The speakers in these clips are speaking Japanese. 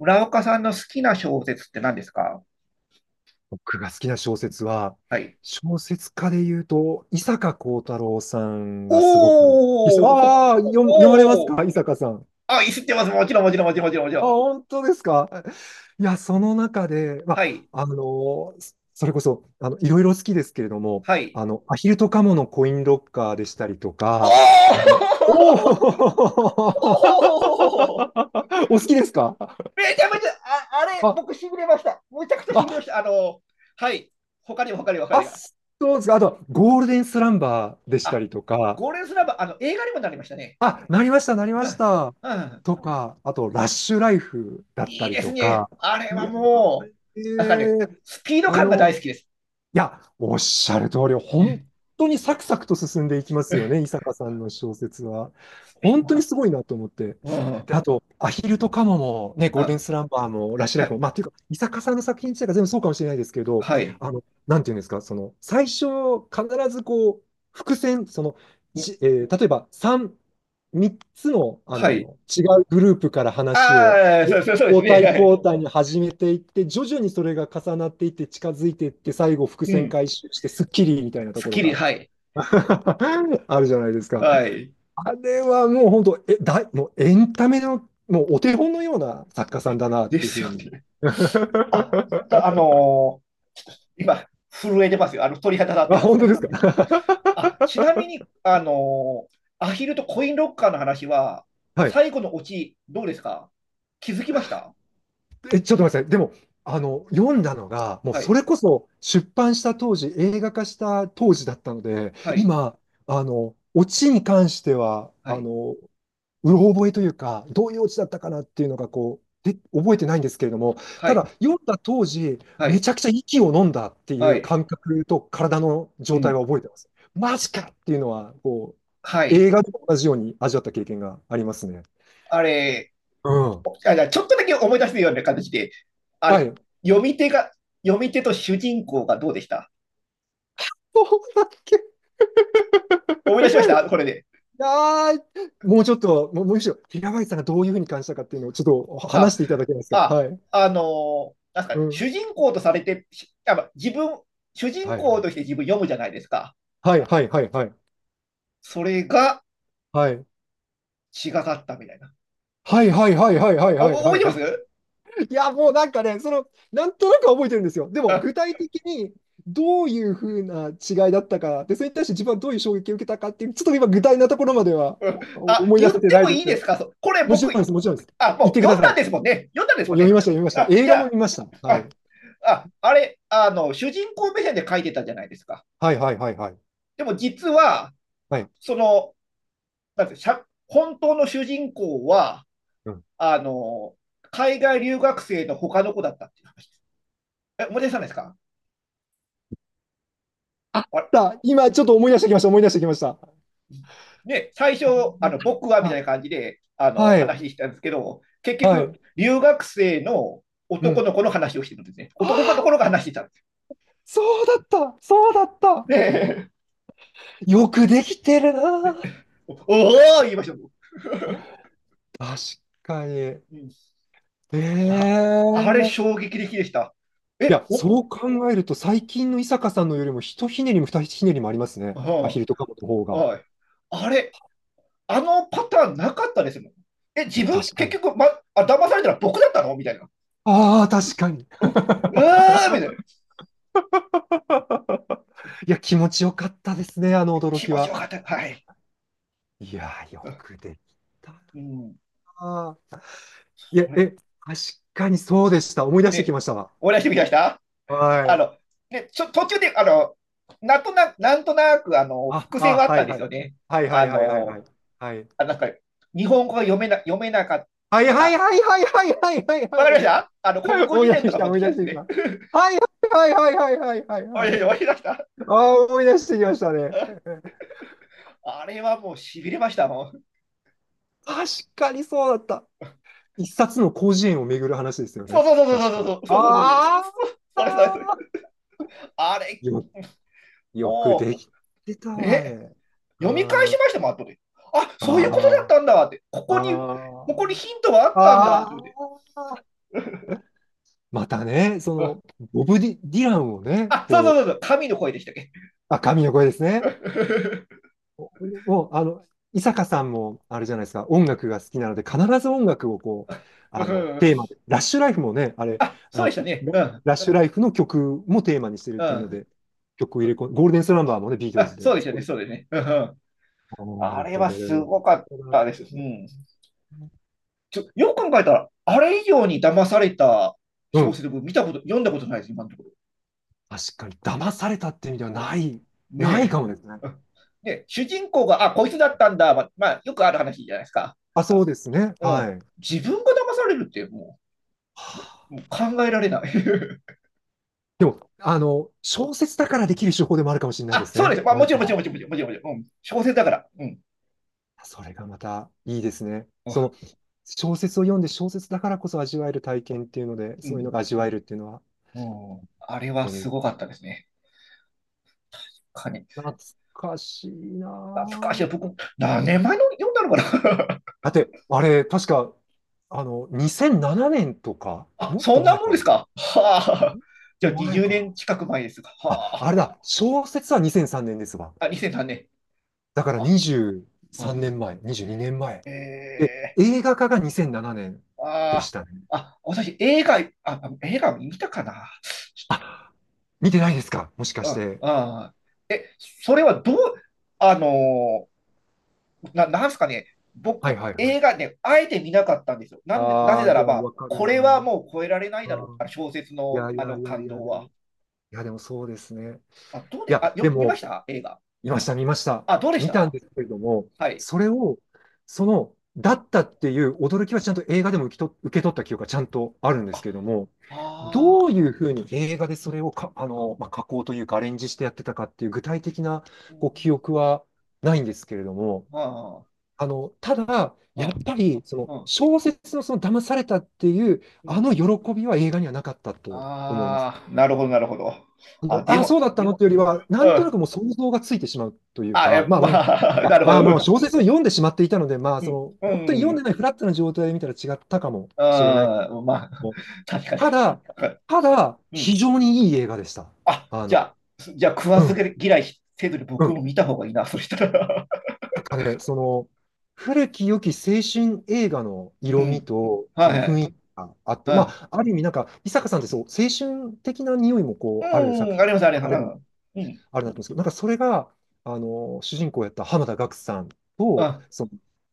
村岡さんの好きな小説って何ですか？僕が好きな小説は、はい。小説家で言うと、伊坂幸太郎さんがすごく、おー、ほ読まれますおー、か伊坂さん。あ、いってます。もちろん、もちろん、もちろん、もちろん、もちろあ、ん。本当ですか？いや、その中で、はい、あ、あの、それこそ、いろいろ好きですけれども、はい。アヒルとカモのコインロッカーでしたりとおか、あー、のおお おー、お好きですか？めちゃめちゃ、あ、あれ、あ、僕、しびれました。むちゃくちゃしあ、びれました。はい。他にも、他にも、他にも。そうですか。あとは、ゴールデンスランバーでしたあ、りとか、ゴールデンスラバー、映画にもなりましたね。あ、なりました、なりまうしん、た。うん。とか、あと、ラッシュライフだっいたいりですとね。か、あれいはや、もう、えなんかね、えスピードあ感が大の、好きです。いや、おっしゃる通り、うん、う本当にサクサクと進んでいきまん、すよね、伊坂さんの小説は。スピー本ド当に感。すごいなと思って。うん。で、あと、アヒルとカモも、ね、ゴールデンあ、スランバーも、ラッシュラはイフい、も、まあ、というか、伊坂さんの作品自体が全部そうかもしれないですけど、はい、あの、なんていうんですか、その、最初、必ずこう、伏線、その、ん、ち、えー例えば、三3つの、はい。違うグループから話を、ああ、そう、そう、そうです交ね。代はい。交代に始めていって、徐々にそれが重なっていって、近づいていって、最後、伏う線ん。回収して、スッキリみたいなとスッころキリ、が はい。あるじゃないですか。はい。あれはもう本当、え、だい、もうエンタメの、もうお手本のような作家さんだなっでていうふすうよに。ね。あ、だ、ー今、震えてますよ。鳥肌立ってあ、ます。本当ですか。あ、ちなみに、アヒルとコインロッカーの話は、はい。最後のオチ、どうですか？気づきました？え、ちょっと待ってください。でも、読んだのが、もうはそい、れこそ出版した当時、映画化した当時だったので、はい、今、オチに関しては、はい、うろ覚えというか、どういうオチだったかなっていうのが、覚えてないんですけれども、はただ、い、読んだ当時、はめい、ちゃくちゃ息を飲んだっていはうい、感覚と体のう状態ん、は覚えてます。マジかっていうのは、はい。映画と同じように味わった経験がありますね。あれ、うん。あ、じゃちょっとだけ思い出すような形で、あはれ、い。読み手が、読み手と主人公がどうでした？そうだっけ？思い出しましたこれで。あー、もうちょっと、もうむしろ、平林さんがどういうふうに感じたかっていうのをちょっとお話あ、していただけますか。あ、はい。なんすかうね、ん。主人公とされて、しあま自分、主人はいは公い。として自分読むじゃないですか。はいはいはいはい。それがはい。違かったみたいな。はいはいはいはいはいはいおお、覚はえいてまはい。す？いや、もうなんかね、その、なんとなくは覚えてるんですよ。でも、あ、具体的にどういうふうな違いだったか、で、それに対して自分はどういう衝撃を受けたかっていう、ちょっと今、具体なところまではうん、あ、思い言出っせててないもでいいすでね。すかそ、これもちろん僕、です、もちろんです。あ、言っもてうく読だんさだい。んもでうすもんね。読んだんですもん読みね。ました、読みました。あ、映じ画もゃ見ました。はあ、い。あ、あ、あれ、主人公目線で書いてたじゃないですか。はいはいはいはい。でも実は、はい。その、なんてしゃ本当の主人公は、あの、海外留学生の他の子だったっていう話です。え、思い出さないですか？あ、っあれた今ちょっと思い出してきました、思い出してきました。ね、最初、あの、僕はみたいあ、な感じで、あの、はい、話したんですけど、結は局、い、留学生のう男ん。の子の話をしてるんですね。あ男のあ、子のが話してたんです。そうだった、そうだった。ね、 よくできてるな。おおー、言いました？確かに。えうん、あ、あれえ、衝撃的でした。いえ、や、お、そう考えると、最近の伊坂さんのよりも、ひとひねりもふたひねりもありますね。アヒルとカモの方が。はい。あれ、あのパターンなかったですもん。え、自分、確か結に。局、ま、あ、騙されたら僕だったのみたいな。ああ、確かに。うん、うーんみたいな。いや、気持ちよかったですね、あの驚気き持ちよは。かった。はい。いや、よくできたなうん、あ。これ、確かにそうでした。思い出してきね、ましたわ。思い出してみました？はあい。の、ね、途中で、なんとなく、なんとなく、あ、伏線あ、はあっはたんいですはい。よね。はいはあいはいはいはの、い。はい。なんか、日本語が読めなかった、はいなんはいか、はいはいはいはいはいはわかりまい。した、あの、国 語思い辞出し典てときかた、持っ思ていきた出んでしすてきた。ね。はいはいはいはいはいはい思はい出い。した、ああ、思い出してきましたね。あれはもう痺れましたもん。確かにそうだった。一冊の広辞苑を巡る話ですよね。そう、そう、そう、確そう、か。そう、そう、そう、そう、あそう、それ、それ、それ、あ、あれよ、よくもできてたうわ、あね、れ。読み返しあましたもん後で。あ、そういうことだっあ、たんだって、こああ、こに、ここにヒントがああったんだっあ。てあ思って、あ、またね、うん、ボブ・ディディランをね、あ、そう、そう、そこう、う、そう、神の声でしたっけ？ あ、神の声ですね。おもう、あの、伊坂さんも、あれじゃないですか、音楽が好きなので、必ず音楽をこう、うテーん、マで、ラッシュライフもね、あれ、あ、そあうの、でしたね、うん、ラッシュライフの曲もテーマにしてるっうていうのん、で、曲を入れ込ん、ゴールデンスランバーもね、ビートルあ、ズそうで、でしすたごね、いそうですね、うん、うん、ほあんれと、はどれすも。ごかったです、うん、よく考えたらあれ以上に騙されたう小ん、説、僕見たこと読んだことないです今のとこ確かに、騙されたって意味ではろ。ねないえ。かもですね。うん、で、主人公が、あ、こいつだったんだ、ま、まあ、よくある話じゃないですか。あ、そうですね。うはん。い。自分が騙されるって、もう、もう、も う考えられない。でも、あの、小説だからできる手法でもあるかもしれないであ、すそうでね。す。まあ、なもんちろん、もちか、ろん、もちろん、もちろん、もちろん、もちろん、うん。小説だから。うん。それがまたいいですね。そうの、小説を読んで小説だからこそ味わえる体験っていうので、そういうのん。が味わえるっていうのは、うん。あれはうすん。ごかったですね。かに。懐かしいな懐かしい。ぁ。僕、何年前の読んだのかな。 だって、あれ、確か、あの、2007年とか、あ、もっそとんな前もんかな。ですもか。はあ。っじとゃあ、前20か年な。近く前ですが。あ、はあれだ、小説は2003年ですわ。あ。あ、2003年。だからあ、23うん。年前、22年前。で、ええ、映画化が2007年でしあたね。あ、あ、私、映画、あ、映画見たかな。ちょっあ、見てないですかもしかと、して。うん、ああ。え、それはどう、あのな、なんすかね、はい僕、はいはい。映画ね、あえて見なかったんですよ。なんで、なぜああ、ならでもば、わかるこれはな。もう超えられないだろう。うあのん。小説いの、やいあやのいやい感や、動でも、は。いやでもそうですね。あ、どういで、や、あ、でよ、見も、ました映画。見ました見ました。あ、どうでし見たんた？ですけれども、はい。それを、その、うだん。ったっていう驚きはちゃんと映画でも受けと、受け取った記憶がちゃんとあるんであ、すけれども、どああ、ういうふうに映画でそれをか、あの、まあ、加工というかアレンジしてやってたかっていう具体的なうこん、う記憶はないんですけれども、あただ、やっあ、ぱり、その、うん、うん、小説のその騙されたっていう、うあん。の喜びは映画にはなかったと思います。ああ、なるほど、なるほど。ああ、の、でああ、そも、うだったのっていううよん、りは、なんとなくもう想像がついてしまうというあ、か、え、まあ、なるほまあまど。あ、小説を読んでしまっていたので、まあ、うその、ん、う本当に読んでん、ないフラットな状態で見たら違ったかもしれないけあー、まあ、ど。確かに。ただ、はい、ただ、う非ん。常にいい映画でした。あ、あじゃの、あ、す、じゃあ食わうずん、嫌いせずにう僕ん。も見た方がいいな、そしたら。なんかね、その、古き良き青春映画の う色味ん。と、そはのい、は雰い。囲気があって、まはあ、ある意味、なんか、伊坂さんってそう、青春的な匂いもい。こう、あるう作ん、品、あります、ありま書かれる、す。うん。うん。あるなと思うんですけど、なんかそれが、主人公をやった濱田岳さんと、あ、その、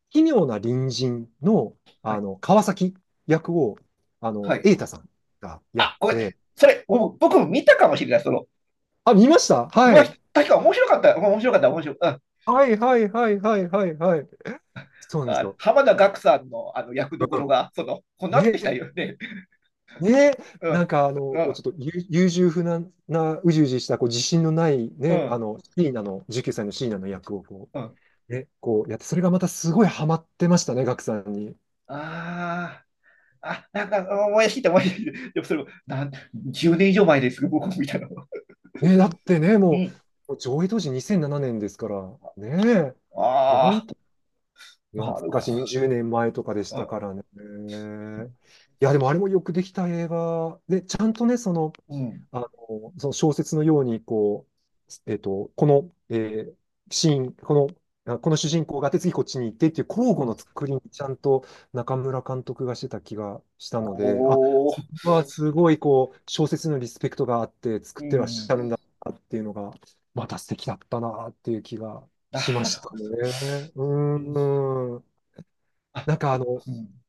奇妙な隣人の、はい。川崎役を、はい。瑛太さんがやっあ、ごめん。て、それ、もう僕も見たかもしれない。その、あ、見ました今、はい。確か面白かった。面白かった、面白かった。うん、はいはいはいはいはいはい。そうなんですあ、よ。浜田岳さんの、あの役どこうろが、その、こうなんっねてきたよね。ね、うなんん、かあの、うこうちん、ょっと優柔不断な、うじうじした、こう自信のないうね、あん、の、シーナの、19歳のシーナの役をうん。こうやって、それがまたすごいハマってましたね、ガクさんに。ああ、あ、なんか思い出してきた、思い出してきた。でもそれも、なん、10年以上前です僕も見たの。ね、だってね、うもん。う、もう上映当時2007年ですから、ね、もうあ本当、あ、懐なるかほしい20年前とかでしど。たあ、からね。いや、でもあれもよくできた映画で、ちゃんとね、その、うん。あの、その小説のように、こう、えっと、この、えーシーン、この主人公があって次こっちに行ってっていう交う互のん、作りにちゃんと中村監督がしてた気がしたおので、あ、お、そこはすごいこう、小説のリスペクトがあって作うってらっしゃん。るんだなっていうのが、また素敵だったなっていう気がなしまるしたほど。ね。ううん。ーん。あ、なんかあ、あの、うん。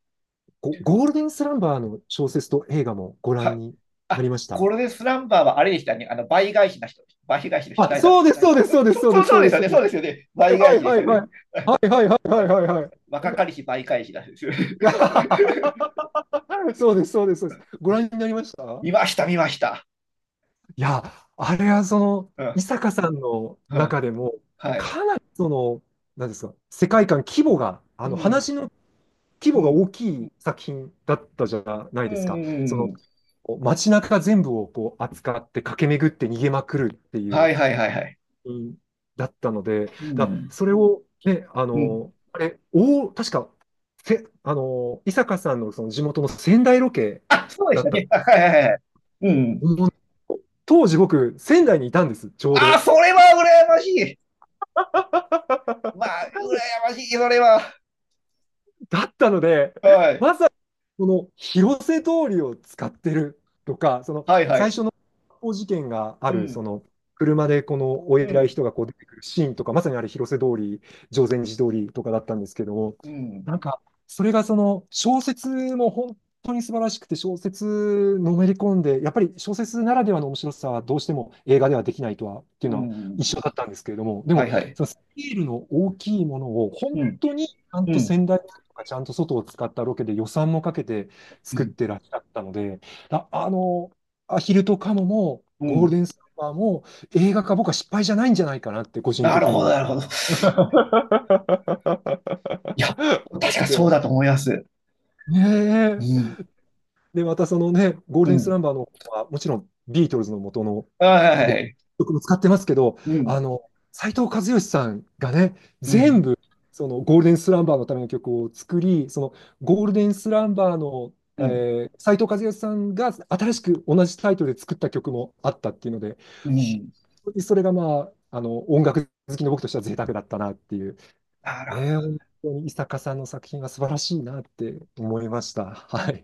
ゴゴールデンスランバーの小説と映画もごは覧い。になりあ、ましこた？れでスランバーはあれでしたね。あの、倍返しな人。倍返しの人、あ、誰だっそけ？うです、そうです、うん、そうです、そ、そうそでう、す、そそううでですす。よそね。うそうですよね。です倍は返いしではすいよはい。ね。はいはいはいはいはい若かりし倍返しなんですよね。はい。そうです、そうです、そうです。ご覧になりまし た？見ました、見ました。いや、あれはその、う伊ん。坂さんのう中ん。でも、はい。かなりその、なんですか、世界観、規模が、あうの、ん、話の規う模がん、大きい作品だったじゃないうん、ですか。そうん。の、街中全部をこう扱って駆け巡って逃げまくるっていはう。い、はい、はい、はい。うん、だったので、うだ、ん、それをね、あうん。の、あれ、お、確か、せ、あの、伊坂さんのその地元の仙台ロケあ、そうでしだったたね。はい、はい、はい、はい。うん。もう。当時僕、仙台にいたんです、ちょうあ、ど。それは羨ましい。まあ、羨ましい、それは。だったので、はい。まさにこの広瀬通りを使ってるとか、そのはい、は最い。初の発砲事件があうる、そん、の車でこのおう偉いん、人がこう出てくるシーンとか、まさにあれ広瀬通り、定禅寺通りとかだったんですけども、うん、なんかそれがその小説も本当に素晴らしくて、小説のめり込んで、やっぱり小説ならではの面白さはどうしても映画ではできないとはっていううのは一ん。緒だったんですけれども、ではもい、はい。そのスケールの大きいものを本うん、当にうん、ちゃんと外を使ったロケで予算もかけてう作っん、てらっしゃったので、あ、あの、アヒルとカモもうゴールん。デンスーパーも映画化僕は失敗じゃないんじゃないかなって個人なる的にほど、は なるほど。思いや、っ確かてそうまだとす。思います。ねうえ。ん、で、またそのね、ゴールうデンスラん。ンバーの方は、もちろんビートルズの元のはい、はい、ごはい。曲も使ってますけど、うあん、の、斉藤和義さんがね、う全ん、部、そのゴールデンスランバーのための曲を作り、そのゴールデンスランバーの、うん、えー、斉藤和義さんが新しく同じタイトルで作った曲もあったっていうので、うん。本当にそれがまあ、あの、音楽好きの僕としては贅沢だったなっていう、なるほどね、本当に伊坂さんの作品は素晴らしいなって思いました。はい。